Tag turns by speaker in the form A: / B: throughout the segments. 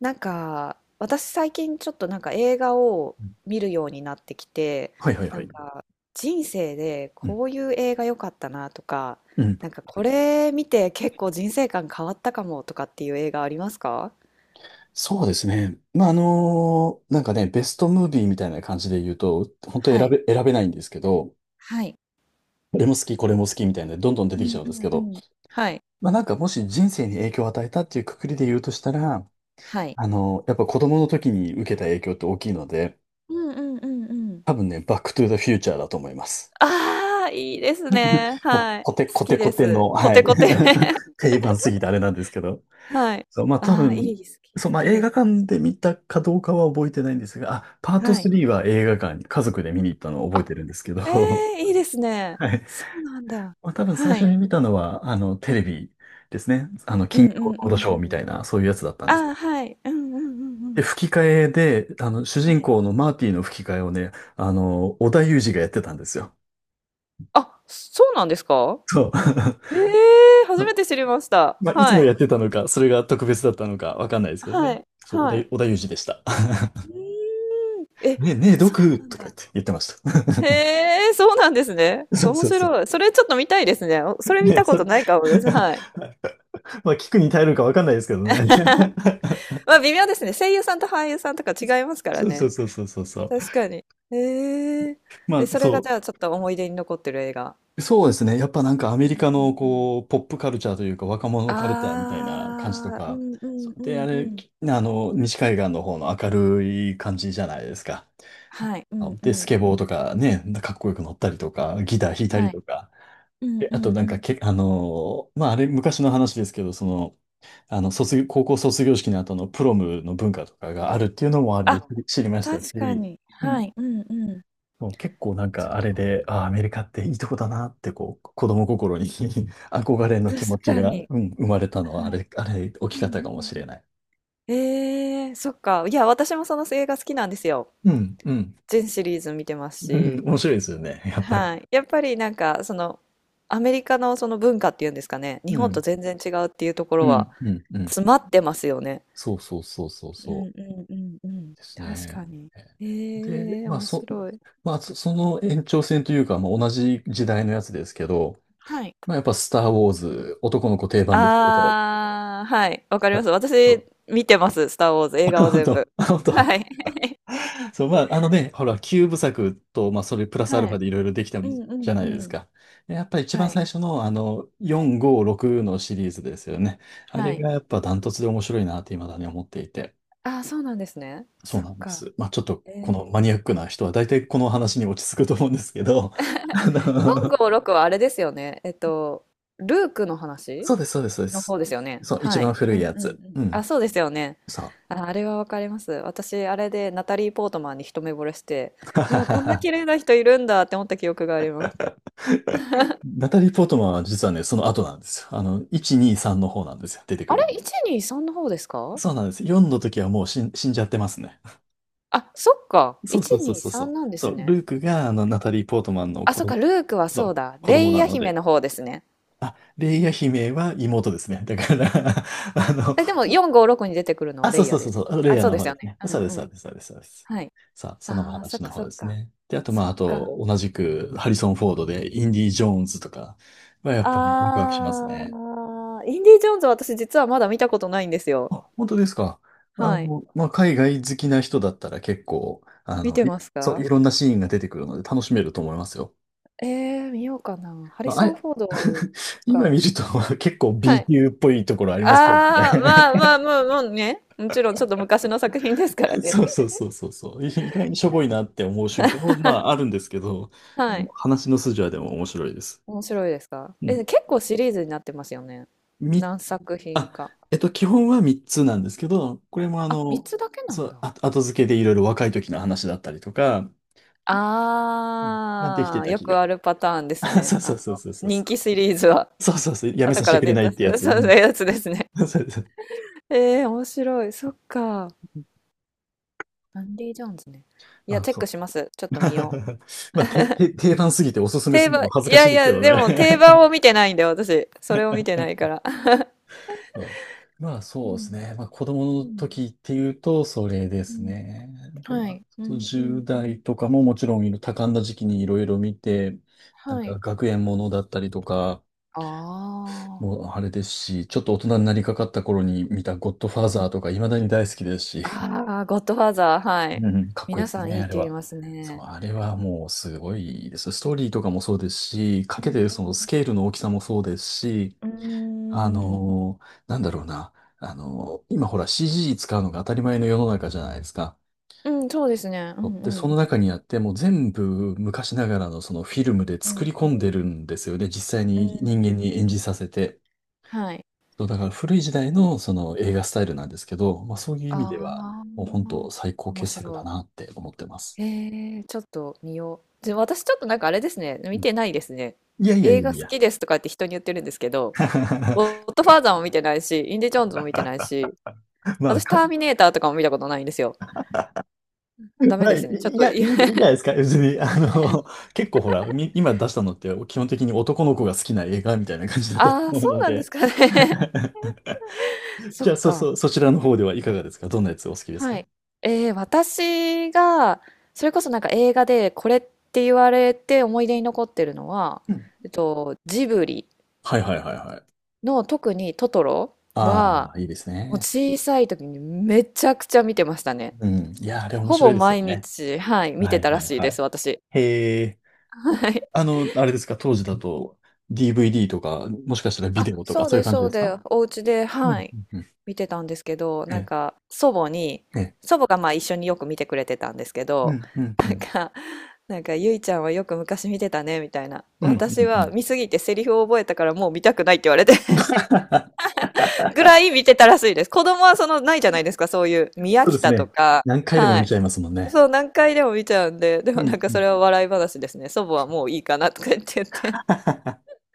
A: なんか私最近ちょっとなんか映画を
B: うん
A: 見るようになってきて、
B: はいはい
A: な
B: は
A: ん
B: い。
A: か人生で
B: うん。
A: こういう映画良かったなとか、
B: うん。
A: なんかこれ見て結構人生観変わったかもとかっていう映画ありますか？
B: そうですね。ベストムービーみたいな感じで言うと、本当
A: はい。
B: 選べないんですけど、
A: はい。
B: これも好き、これも好きみたいな、どんどん出
A: う
B: てきち
A: ん
B: ゃうん
A: う
B: です
A: ん
B: け
A: う
B: ど、
A: ん。はい。
B: まあ、なんかもし人生に影響を与えたっていうくくりで言うとしたら、
A: はい。
B: やっぱ子供の時に受けた影響って大きいので、
A: うんうんうんうん。
B: 多分ね、バックトゥーザフューチャーだと思います。
A: ああ、いいですね。
B: もう、
A: はい。
B: コ
A: 好
B: テコ
A: き
B: テコ
A: で
B: テ
A: す。
B: の、
A: コ
B: は
A: テ
B: い。
A: コテ。
B: 定番すぎてあれなんですけど。
A: はい。
B: そう、まあ多
A: ああ、い
B: 分、
A: い、好き、
B: そう、
A: 好
B: まあ
A: き
B: 映
A: で
B: 画
A: す。
B: 館で見たかどうかは覚えてないんですが、あ、パート
A: はい。
B: 3は映画館に家族で見に行ったのを覚えてるんですけ
A: え
B: ど、
A: え、いいです ね。
B: はい。
A: そうなんだ。
B: まあ多分最
A: は
B: 初
A: い。
B: に見たのは、テレビですね。
A: う
B: 金
A: んう
B: 曜ロ
A: んう
B: ード
A: ん
B: ショ
A: う
B: ーみた
A: ん。
B: いな、そういうやつだったんです。
A: ああ、はい。うんうんうんう
B: で、
A: ん。
B: 吹き替えで、主
A: は
B: 人
A: い。
B: 公のマーティの吹き替えをね、織田裕二がやってたんですよ。
A: あ、そうなんですか？
B: そう。
A: ええ、初
B: そ
A: め
B: う、
A: て知りました。
B: まあ、いつ
A: は
B: も
A: い。
B: やってたのか、それが特別だったのか、わかんないですけど
A: は
B: ね。
A: い。
B: そう、
A: は
B: 織田、
A: い。
B: 織田裕二でした。
A: うーん。え、
B: ねえ、
A: そう
B: 毒
A: なん
B: とか
A: だ。
B: 言ってました。
A: へえ、そうなんですね。
B: そう
A: 面
B: そうそう。
A: 白い。それちょっと見たいですね。おそれ見
B: ね、
A: たこ
B: そ
A: と
B: れ。
A: ないかも です。はい。
B: まあ、聞くに耐えるかわかんないですけどね。
A: まあ微妙ですね。声優さんと俳優さんとか違いますから
B: そうそ
A: ね。
B: うそうそうそうそう。
A: 確かに。へえ。で、
B: まあ、
A: それがじ
B: そ
A: ゃあちょっと思い出に残ってる映画。
B: そうですね。やっぱなんかア
A: う
B: メリ
A: ん
B: カ
A: う
B: の
A: んうん。
B: こう、ポップカルチャーというか若者
A: あ
B: カルチャーみたいな感じと
A: あ、う
B: か。
A: んう
B: そ
A: ん
B: う
A: う
B: で、
A: ん
B: あ
A: う
B: れ、
A: ん。
B: き西海岸の方の明るい感じじゃないですか。
A: はい、うんう
B: で、
A: ん
B: ス
A: う
B: ケボーと
A: ん。
B: かね、かっこよく乗ったりとか、ギター弾いたり
A: はい。
B: とか。
A: うん
B: え、
A: う
B: あと
A: ん
B: なん
A: う
B: かけ、
A: ん。
B: あのーまあ、あれ昔の話ですけど、その、高校卒業式の後のプロムの文化とかがあるっていうのもあれ
A: あ、
B: で知りましたし、
A: 確かに。
B: う
A: は
B: ん、
A: い、うんうん。
B: もう結構なん
A: そ
B: か
A: っ
B: あれ
A: か。
B: で、ああ、アメリカっていいとこだなってこう、子供心に 憧れの気持
A: 確
B: ち
A: か
B: が、
A: に。
B: うん、生まれたのは
A: はい。
B: あれ、大
A: う
B: き
A: ん
B: か
A: う
B: っ
A: んう
B: たかもし
A: ん。
B: れない。
A: ええ、そっか。いや、私もその映画好きなんですよ。
B: うん、うん、
A: 全シリーズ見てます
B: う
A: し。
B: ん、面白いですよね、やっぱり。
A: はい。やっぱりなんか、その、アメリカのその文化っていうんですかね、日
B: う
A: 本と
B: ん、
A: 全然違うっていうとこ
B: う
A: ろ
B: ん、
A: は
B: うん、うん。
A: 詰まってますよね。
B: そうそうそうそう
A: うん
B: そ
A: うんうんうん。
B: です
A: 確
B: ね。
A: かに。え
B: で、まあ、
A: 面
B: そ、
A: 白い。
B: まあ、その延長線というか、まあ、同じ時代のやつですけど、
A: はい。
B: まあ、やっぱスター・ウォーズ、男の子定番ですけど、
A: あーはい、わかりま
B: あ、
A: す。
B: そ
A: 私、
B: う。
A: 見てます、スター・ウォーズ、映 画は
B: 本
A: 全
B: 当、
A: 部。
B: 本当。
A: はい。
B: そう、ほら、キューブ作と、まあ、それプラスアル
A: は
B: ファ
A: い。
B: でいろいろできた
A: うん
B: じ
A: う
B: ゃ
A: ん
B: な
A: う
B: いです
A: ん。
B: か。でやっぱり一
A: は
B: 番
A: い。
B: 最初の、
A: はい。
B: 4、5、6のシリーズですよね。あ
A: は
B: れ
A: い。
B: がやっぱダントツで面白いなって未だに思っていて。
A: あーそうなんですね。
B: そ
A: そ
B: う
A: っ
B: なんで
A: か。
B: す。まあ、ちょっと、
A: え
B: この
A: え。
B: マニアックな人は大体この話に落ち着くと思うんですけど、あ
A: ええ。
B: の、
A: 456はあれですよね。ルークの話？
B: そうです、そうです、そうで
A: の方
B: す。
A: ですよね。
B: そう、一
A: はい。
B: 番
A: う
B: 古い
A: んう
B: や
A: んう
B: つ。
A: ん。
B: う
A: あ、
B: ん。
A: そうですよね。
B: そう。
A: あ、あれはわかります。私、あれでナタリー・ポートマンに一目惚れして、わあ、こんな 綺麗な人いるんだって思った記憶があります。
B: ナタリー・ポートマンは実はね、その後なんですよ。あの、1、2、3の方なんですよ。出てく
A: あ
B: る。
A: れ、123の方ですか？
B: そうなんです。4の時はもう死んじゃってますね。
A: あ、そっか。
B: そうそうそうそうそ
A: 123
B: う。
A: なんで
B: そ
A: す
B: う、
A: ね。
B: ルークがあの、ナタリー・ポートマンの
A: あ、
B: 子
A: そっか、
B: 供、
A: ルークは
B: そ
A: そう
B: う、
A: だ。
B: 子供
A: レイ
B: な
A: ヤ
B: の
A: 姫
B: で。
A: の方ですね。
B: あ、レイヤ姫は妹ですね。だから。 あの、
A: え、でも4、5、6に出てくるのは
B: そ
A: レ
B: う
A: イ
B: そ
A: ヤ
B: う
A: で
B: そう
A: す。
B: そう、レイ
A: あ、
B: ヤ
A: そう
B: の
A: で
B: 方
A: す
B: で
A: よ
B: す
A: ね。
B: ね。
A: う
B: そう
A: ん
B: です、
A: う
B: そ
A: ん。
B: うです、そうです、そうです。
A: はい。
B: さあ、その
A: ああ、そっ
B: 話の
A: かそ
B: 方
A: っ
B: です
A: か。
B: ね。で、あと、
A: そっか。
B: 同じく、ハリソン・フォードで、インディ・ジョーンズとかは、やっぱりワクワクします
A: あ
B: ね。
A: あ、インディ・ジョーンズは私実はまだ見たことないんですよ。
B: あ、本当ですか。
A: はい。
B: まあ、海外好きな人だったら結構、あ
A: 見
B: の、
A: て
B: い
A: ます
B: そう、
A: か？
B: いろんなシーンが出てくるので楽しめると思いますよ。
A: え、見ようかな。ハリ
B: まあ、あ
A: ソン・
B: れ。
A: フォード、そっ
B: 今
A: か。
B: 見ると結構
A: は
B: B
A: い。
B: 級っぽいところありますけど
A: ああ、
B: ね。
A: まあまあ、もう、もうね。もちろん、ちょっと昔の作品ですから ね。
B: そうそうそうそうそう。意外にしょぼいなって思う瞬間も、まあ、あ るんですけど、あ
A: はい。
B: の話の筋はでも面白いです。
A: 面白いですか？
B: う
A: え、
B: ん。
A: 結構シリーズになってますよね。
B: み、
A: 何作品
B: あ、
A: か。
B: えっと、基本は3つなんですけど、これも
A: あ、3つだけな
B: そ
A: ん
B: う、
A: だ。
B: あ後付けでいろいろ若い時の話だったりとか、うんができ
A: あ
B: て
A: あ、
B: た
A: よ
B: 気が。
A: くあるパターンです ね。
B: そうそうそうそうそう
A: 人
B: そう。
A: 気シリーズは。
B: そうそうそう。やめ
A: 後
B: させ
A: か
B: て
A: ら
B: くれ
A: ね、
B: ないっ
A: 出す、
B: てや つ。う
A: そうそう
B: ん。
A: いうやつですね。
B: そうそう、
A: 面白い。そっか。アンディ・ジョーンズね。い
B: ま
A: や、
B: あ、
A: チェッ
B: そ
A: ク
B: う。
A: します。ちょっと見よう。
B: まあ、定番すぎておすすめす
A: 定
B: るの
A: 番、
B: も恥ず
A: い
B: かし
A: や
B: い
A: い
B: ですけ
A: や、
B: ど
A: でも定番
B: ね。
A: を見てないんだよ、私。それを見てないから。
B: うん、まあ、
A: う
B: そうです
A: ん、
B: ね。まあ、子供の
A: うん、
B: 時っていうと、それで
A: う
B: す
A: ん。
B: ね。で、
A: は
B: あ
A: い。う
B: と
A: ん、う
B: 10
A: ん、う
B: 代
A: ん。
B: とかももちろん多感な時期にいろいろ見て、なん
A: は
B: か
A: い。
B: 学園ものだったりとか、
A: あ
B: もう
A: あ。
B: あれですし、ちょっと大人になりかかった頃に見たゴッドファー
A: はい。
B: ザーとか、未だに大好きですし。
A: ああ、ゴッドファーザー、は
B: うん
A: い。
B: うん、かっこいい
A: 皆
B: です
A: さんい
B: ね、
A: い
B: あ
A: っ
B: れ
A: て言い
B: は。
A: ます
B: そう、
A: ね。
B: あれはもうすごいです。ストーリーとかもそうですし、
A: う
B: か
A: ん
B: けてるそのスケールの大きさもそうですし、
A: うんう
B: あ
A: ん。うーん。
B: のーなんだろうな、あのー今ほら CG 使うのが当たり前の世の中じゃないですか。
A: うん、そうですね。う
B: そ
A: ん
B: う
A: う
B: で、
A: ん
B: そ
A: う
B: の
A: ん。
B: 中にあって、もう全部昔ながらのそのフィルムで
A: うん
B: 作
A: う
B: り込んでる
A: ん
B: んですよね。実際
A: うん。
B: に人間に演じさせて。
A: はい。
B: そう、だから古い時代のその映画スタイルなんですけど、まあそういう意味で
A: あ
B: は、もう本当
A: あ、
B: 最高
A: 面
B: 傑作だ
A: 白い。
B: なって思ってます。
A: ちょっと見よう。で、私ちょっとなんかあれですね、見てないですね。
B: いやいやい
A: 映
B: や
A: 画
B: い
A: 好
B: や。
A: きですとかって人に言ってるんですけど、ゴッドファーザーも見てないし、インディ・ジョーンズも見てないし、
B: まあ、
A: 私タ
B: か、
A: ーミネーターとかも見たことないんですよ。ダ メですね。ちょっとい
B: いいじゃ ないですか。別に、結構ほら、今出したのって基本的に男の子が好きな映画みたいな感じだったと
A: ああ、
B: 思う
A: そう
B: の
A: なんで
B: で。
A: すかね。そ
B: じ
A: っ
B: ゃあ、そうそ
A: か。
B: う、そちらの方ではいかがですか？どんなやつお好きですか？
A: はい。私が、それこそなんか映画でこれって言われて思い出に残ってるのは、
B: うん、
A: ジブリ
B: はいはいはいはい。
A: の特にトトロ
B: あ
A: は、
B: あ、いいです
A: もう
B: ね。
A: 小さい時にめちゃくちゃ見てましたね。
B: うん。いや、あれ面
A: ほ
B: 白
A: ぼ
B: いですよ
A: 毎
B: ね。
A: 日、はい、見
B: は
A: て
B: い
A: たら
B: はい
A: しい
B: は
A: で
B: い。
A: す、私。
B: へえ、
A: はい。
B: あの、あれですか、当時だと DVD とか、もしかしたらビ
A: あ、
B: デオとか、
A: そう
B: そういう
A: です、
B: 感じ
A: そ
B: で
A: う
B: す
A: で
B: か？
A: す。お家で、
B: う
A: は
B: ん。
A: い、
B: うんうん、
A: 見てたんですけど、なんか、祖母に、
B: ええ、
A: 祖母がまあ一緒によく見てくれてたんですけ
B: う
A: ど、
B: ん、うん、
A: な
B: う
A: ん
B: ん。
A: か、なんか、ゆいちゃんはよく昔見てたね、みたいな。
B: うん、うん、
A: 私
B: う
A: は
B: ん。
A: 見すぎてセリフを覚えたからもう見たくないって言われて ぐらい見てたらしいです。子供はその、ないじゃないですか、そういう、宮
B: そうです
A: 北と
B: ね。
A: か、
B: 何回でも
A: は
B: 見
A: い
B: ちゃいますもんね。
A: そう、何回でも見ちゃうんで、で
B: う
A: もなん
B: ん、
A: か
B: う
A: そ
B: ん。
A: れは笑い話ですね。祖母はもういいかなとか言って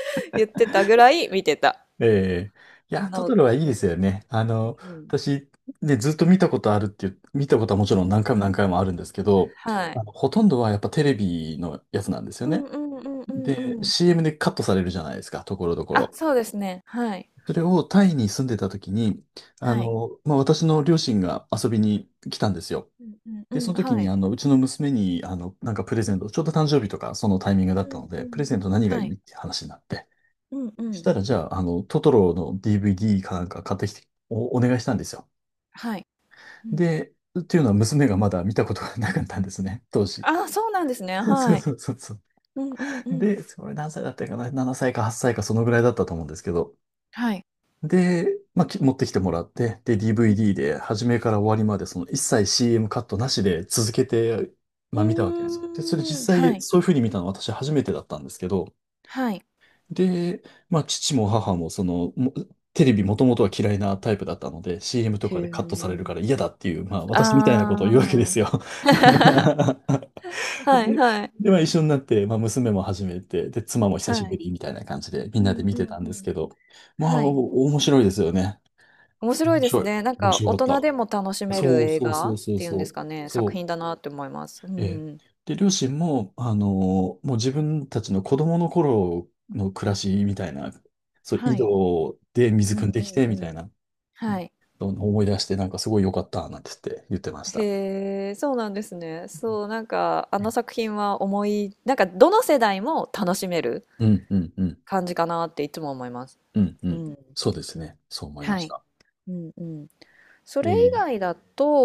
A: 言ってたぐらい見てた。
B: ええ、いや、ト
A: ノー
B: トロ
A: ト
B: はいいで
A: です
B: す
A: ね。
B: よね。
A: うん。
B: 私、ね、ずっと見たことあるっていう、見たことはもちろん何回も何回もあるんですけど、
A: はい。
B: ほとんどはやっぱテレビのやつなんですよ
A: うん
B: ね。
A: うんうんうんう
B: で、
A: ん。
B: CM でカットされるじゃないですか、ところどこ
A: あ、
B: ろ。
A: そうですね。はい。
B: それをタイに住んでた時に、
A: はい。
B: まあ、私の両親が遊びに来たんですよ。
A: うんう
B: で、
A: んう
B: そ
A: ん。
B: の時
A: は
B: に、
A: い。
B: うちの娘に、なんかプレゼント、ちょうど誕生日とか、そのタイミングだっ
A: う
B: たの
A: ん
B: で、
A: う
B: プレ
A: ん。
B: ゼント何がい
A: は
B: い
A: い。
B: って話になって、
A: うんう
B: そし
A: ん。
B: たら、じゃあ、トトロの DVD かなんか買ってきて、お願いしたんですよ。
A: はい。うん。
B: で、っていうのは娘がまだ見たことがなかったんですね、当時。
A: あ、そうなんですね。
B: そう
A: はい。
B: そうそうそう。
A: うんうんうん。
B: で、それ何歳だったかな？ 7 歳か8歳かそのぐらいだったと思うんですけど、
A: はい。
B: で、まあ、持ってきてもらって、で、
A: うん
B: DVD で、初めから終わりまで、その一切 CM カットなしで続けて、
A: う
B: まあ、見たわけですよ。で、それ
A: ん。うー
B: 実
A: ん。は
B: 際、
A: い。
B: そういうふうに見たの私初めてだったんですけど、
A: はい。
B: で、まあ、父も母も、テレビもともとは嫌いなタイプだったので、CM と
A: へ
B: かでカットされる
A: え。
B: から嫌だっていう、まあ、私みたいなことを言うわけで
A: あ
B: すよ。
A: あ。はい
B: で、
A: はい。
B: で、まあ、一緒になって、まあ、娘も始めて、で、妻も久し
A: は
B: ぶ
A: い。
B: りみたいな感じで、みん
A: う
B: なで
A: ん
B: 見
A: う
B: てた
A: ん
B: ん
A: う
B: です
A: ん。
B: けど、
A: はい。
B: 面白いですよね。
A: 面白い
B: 面
A: で
B: 白
A: す
B: い。
A: ね。なん
B: 面
A: か
B: 白か
A: 大
B: っ
A: 人でも
B: た。
A: 楽しめる
B: そう
A: 映
B: そう
A: 画
B: そう
A: っ
B: そう
A: ていうん
B: そ
A: です
B: う。
A: かね、作
B: そ
A: 品だなって思います。う
B: う。えー、
A: ん。
B: で、両親も、もう自分たちの子供の頃の暮らしみたいな、そう、
A: は
B: 井
A: い。
B: 戸で水
A: う
B: 汲ん
A: ん
B: で
A: う
B: き
A: ん
B: て、みたい
A: うん。
B: な、う
A: は
B: ん、
A: い。
B: そう思い出して、なんかすごい良かった、なんて言ってました。
A: へえ、そうなんですね。そう、なんかあの作品は思い、なんかどの世代も楽しめる
B: うん、うん、うん、
A: 感じかなっていつも思います。
B: うん、う
A: う
B: ん。
A: ん。
B: そうですね。そう思いま
A: は
B: し
A: い。
B: た。
A: うんうん。そ
B: え
A: れ以
B: ー、
A: 外だ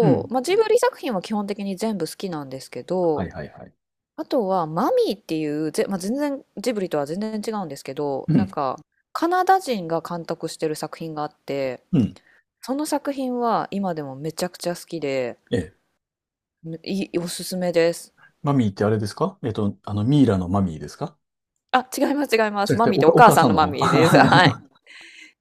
B: うん。
A: まあ、ジブリ作品は基本的に全部好きなんですけ
B: は
A: ど、
B: いはいはい。
A: あとは、マミーっていう、まあ、全然、ジブリとは全然違うんですけど、
B: う
A: なん
B: ん、
A: か、カナダ人が監督してる作品があって、
B: うん。
A: その作品は今でもめちゃくちゃ好きで、
B: えー、
A: いい、おすすめです。
B: マミーってあれですか？えっと、あの、ミイラのマミーですか？
A: あ、違います、違いま
B: じゃ
A: す。
B: なく
A: マ
B: て、
A: ミーってお
B: お
A: 母
B: 母
A: さ
B: さ
A: ん
B: ん
A: の
B: の
A: マ
B: 方。
A: ミーです。はい。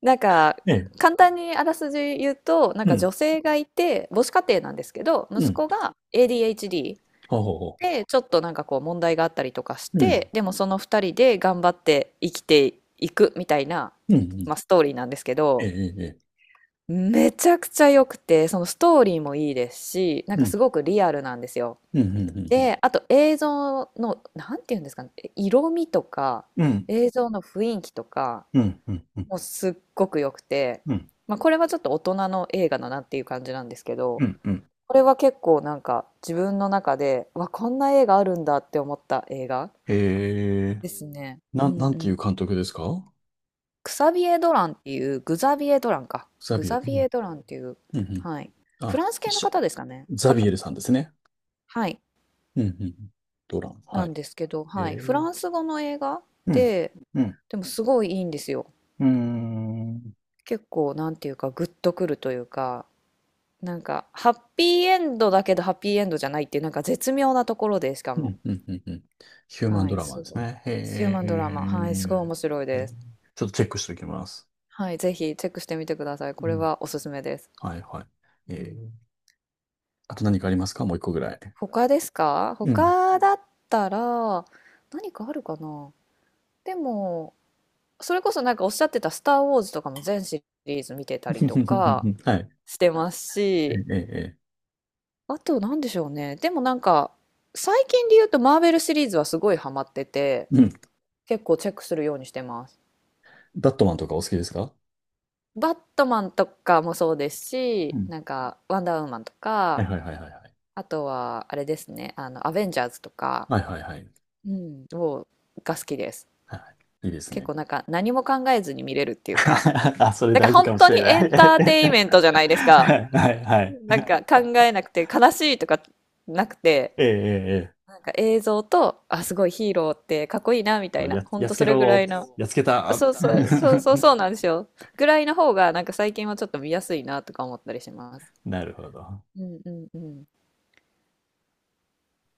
A: なんか、
B: ええ、
A: 簡単にあらすじ言うと、なん
B: う
A: か
B: ん、
A: 女性がいて、母子家庭なんですけど、
B: う
A: 息
B: ん、
A: 子が ADHD
B: ほうほうほ
A: で、ちょっとなんかこう問題があったりとかし
B: う。う
A: て、
B: ん、
A: でもその2人で頑張って生きていくみたいな、
B: うん、うん、
A: まあ、ストーリーなんですけど、
B: ええ、ええ、
A: めちゃくちゃ良くて、そのストーリーもいいですし、なん
B: ええ、
A: か
B: う
A: す
B: ん、
A: ごくリアルなんですよ。
B: うん、うん、うん、
A: で、あと映像の、なんていうんですかね、色味とか、
B: うん、
A: 映像の雰囲気とか、
B: うん、うん、う
A: もうすっごく良くて、
B: ん、
A: まあ、これはちょっと大人の映画だなっていう感じなんですけ
B: う
A: ど、
B: ん、うん、
A: これは結構なんか自分の中で、わ、こんな映画あるんだって思った映画
B: ええ、
A: ですね。うんう
B: なんてい
A: ん。
B: う監督ですか？
A: クサビエ・ドランっていう、グザビエ・ドランか。
B: ザ
A: グ
B: ビエル。
A: ザ
B: う
A: ビ
B: ん、
A: エ・ドランっていう、
B: うん、うん。
A: はい。フ
B: あ、
A: ランス系の
B: し
A: 方ですかね。か
B: ザ
A: な、
B: ビエルさんですね。
A: はい。
B: うん、うんうん。ドラン、
A: な
B: はい。
A: んですけど、はい。
B: え
A: フ
B: え、
A: ランス語の映画
B: うん、
A: で、
B: うん、
A: でもすごいいいんですよ。
B: うーん、
A: 結構、なんていうか、グッとくるというか、なんか、ハッピーエンドだけど、ハッピーエンドじゃないっていう、なんか絶妙なところで、しか
B: う
A: も。
B: ん、うん、うん、うん。ヒューマン
A: は
B: ド
A: い。
B: ラマ
A: す
B: です
A: ごい。
B: ね。
A: ヒュー
B: へ
A: マンドラマ。は
B: え、
A: い。すごい面白い
B: え
A: で
B: え、
A: す。
B: ちょっとチェックしておきます。
A: はい。ぜひチェックしてみてください。
B: う
A: これ
B: ん、
A: はおすすめです。
B: はい、は
A: う
B: い。え
A: ん。
B: え、あと何かありますか？もう一個ぐらい。
A: 他ですか？
B: うん。
A: 他だったら何かあるかな？でもそれこそなんかおっしゃってた「スター・ウォーズ」とかも全シリーズ見てたりとか
B: はい。
A: してます
B: え
A: し、
B: え、ええ、ええ、
A: あと何でしょうね。でもなんか最近で言うとマーベルシリーズはすごいハマってて、
B: うん。
A: 結構チェックするようにしてます。
B: ダットマンとかお好きですか？
A: バットマンとかもそうです
B: う
A: し、
B: ん。
A: なんかワンダーウーマンと
B: はい
A: か、
B: はいはいはいはい。
A: あとはあれですね、アベンジャーズとか、
B: はいはいはい。
A: うん、をが好きです。
B: はい、いいです
A: 結
B: ね。
A: 構なんか何も考えずに見れるっていうか、
B: あ、それ
A: なんか
B: 大事か
A: 本
B: も
A: 当
B: し
A: に
B: れな
A: エ
B: い。
A: ンターテインメントじゃないです
B: は
A: か。
B: いはいはい。
A: なんか考えなくて悲しいとかなくて、
B: ええ、ええ、え
A: なんか映像と、あ、すごいヒーローってかっこいいなみたい
B: え、
A: な、ほん
B: やっ
A: と
B: つ
A: そ
B: け
A: れぐら
B: ろ、
A: いの、
B: やっつけ
A: あ
B: た。
A: そうそう、そうそうそうなんですよ。ぐらいの方がなんか最近はちょっと見やすいなとか思ったりします。
B: なるほど。
A: うんうんうん。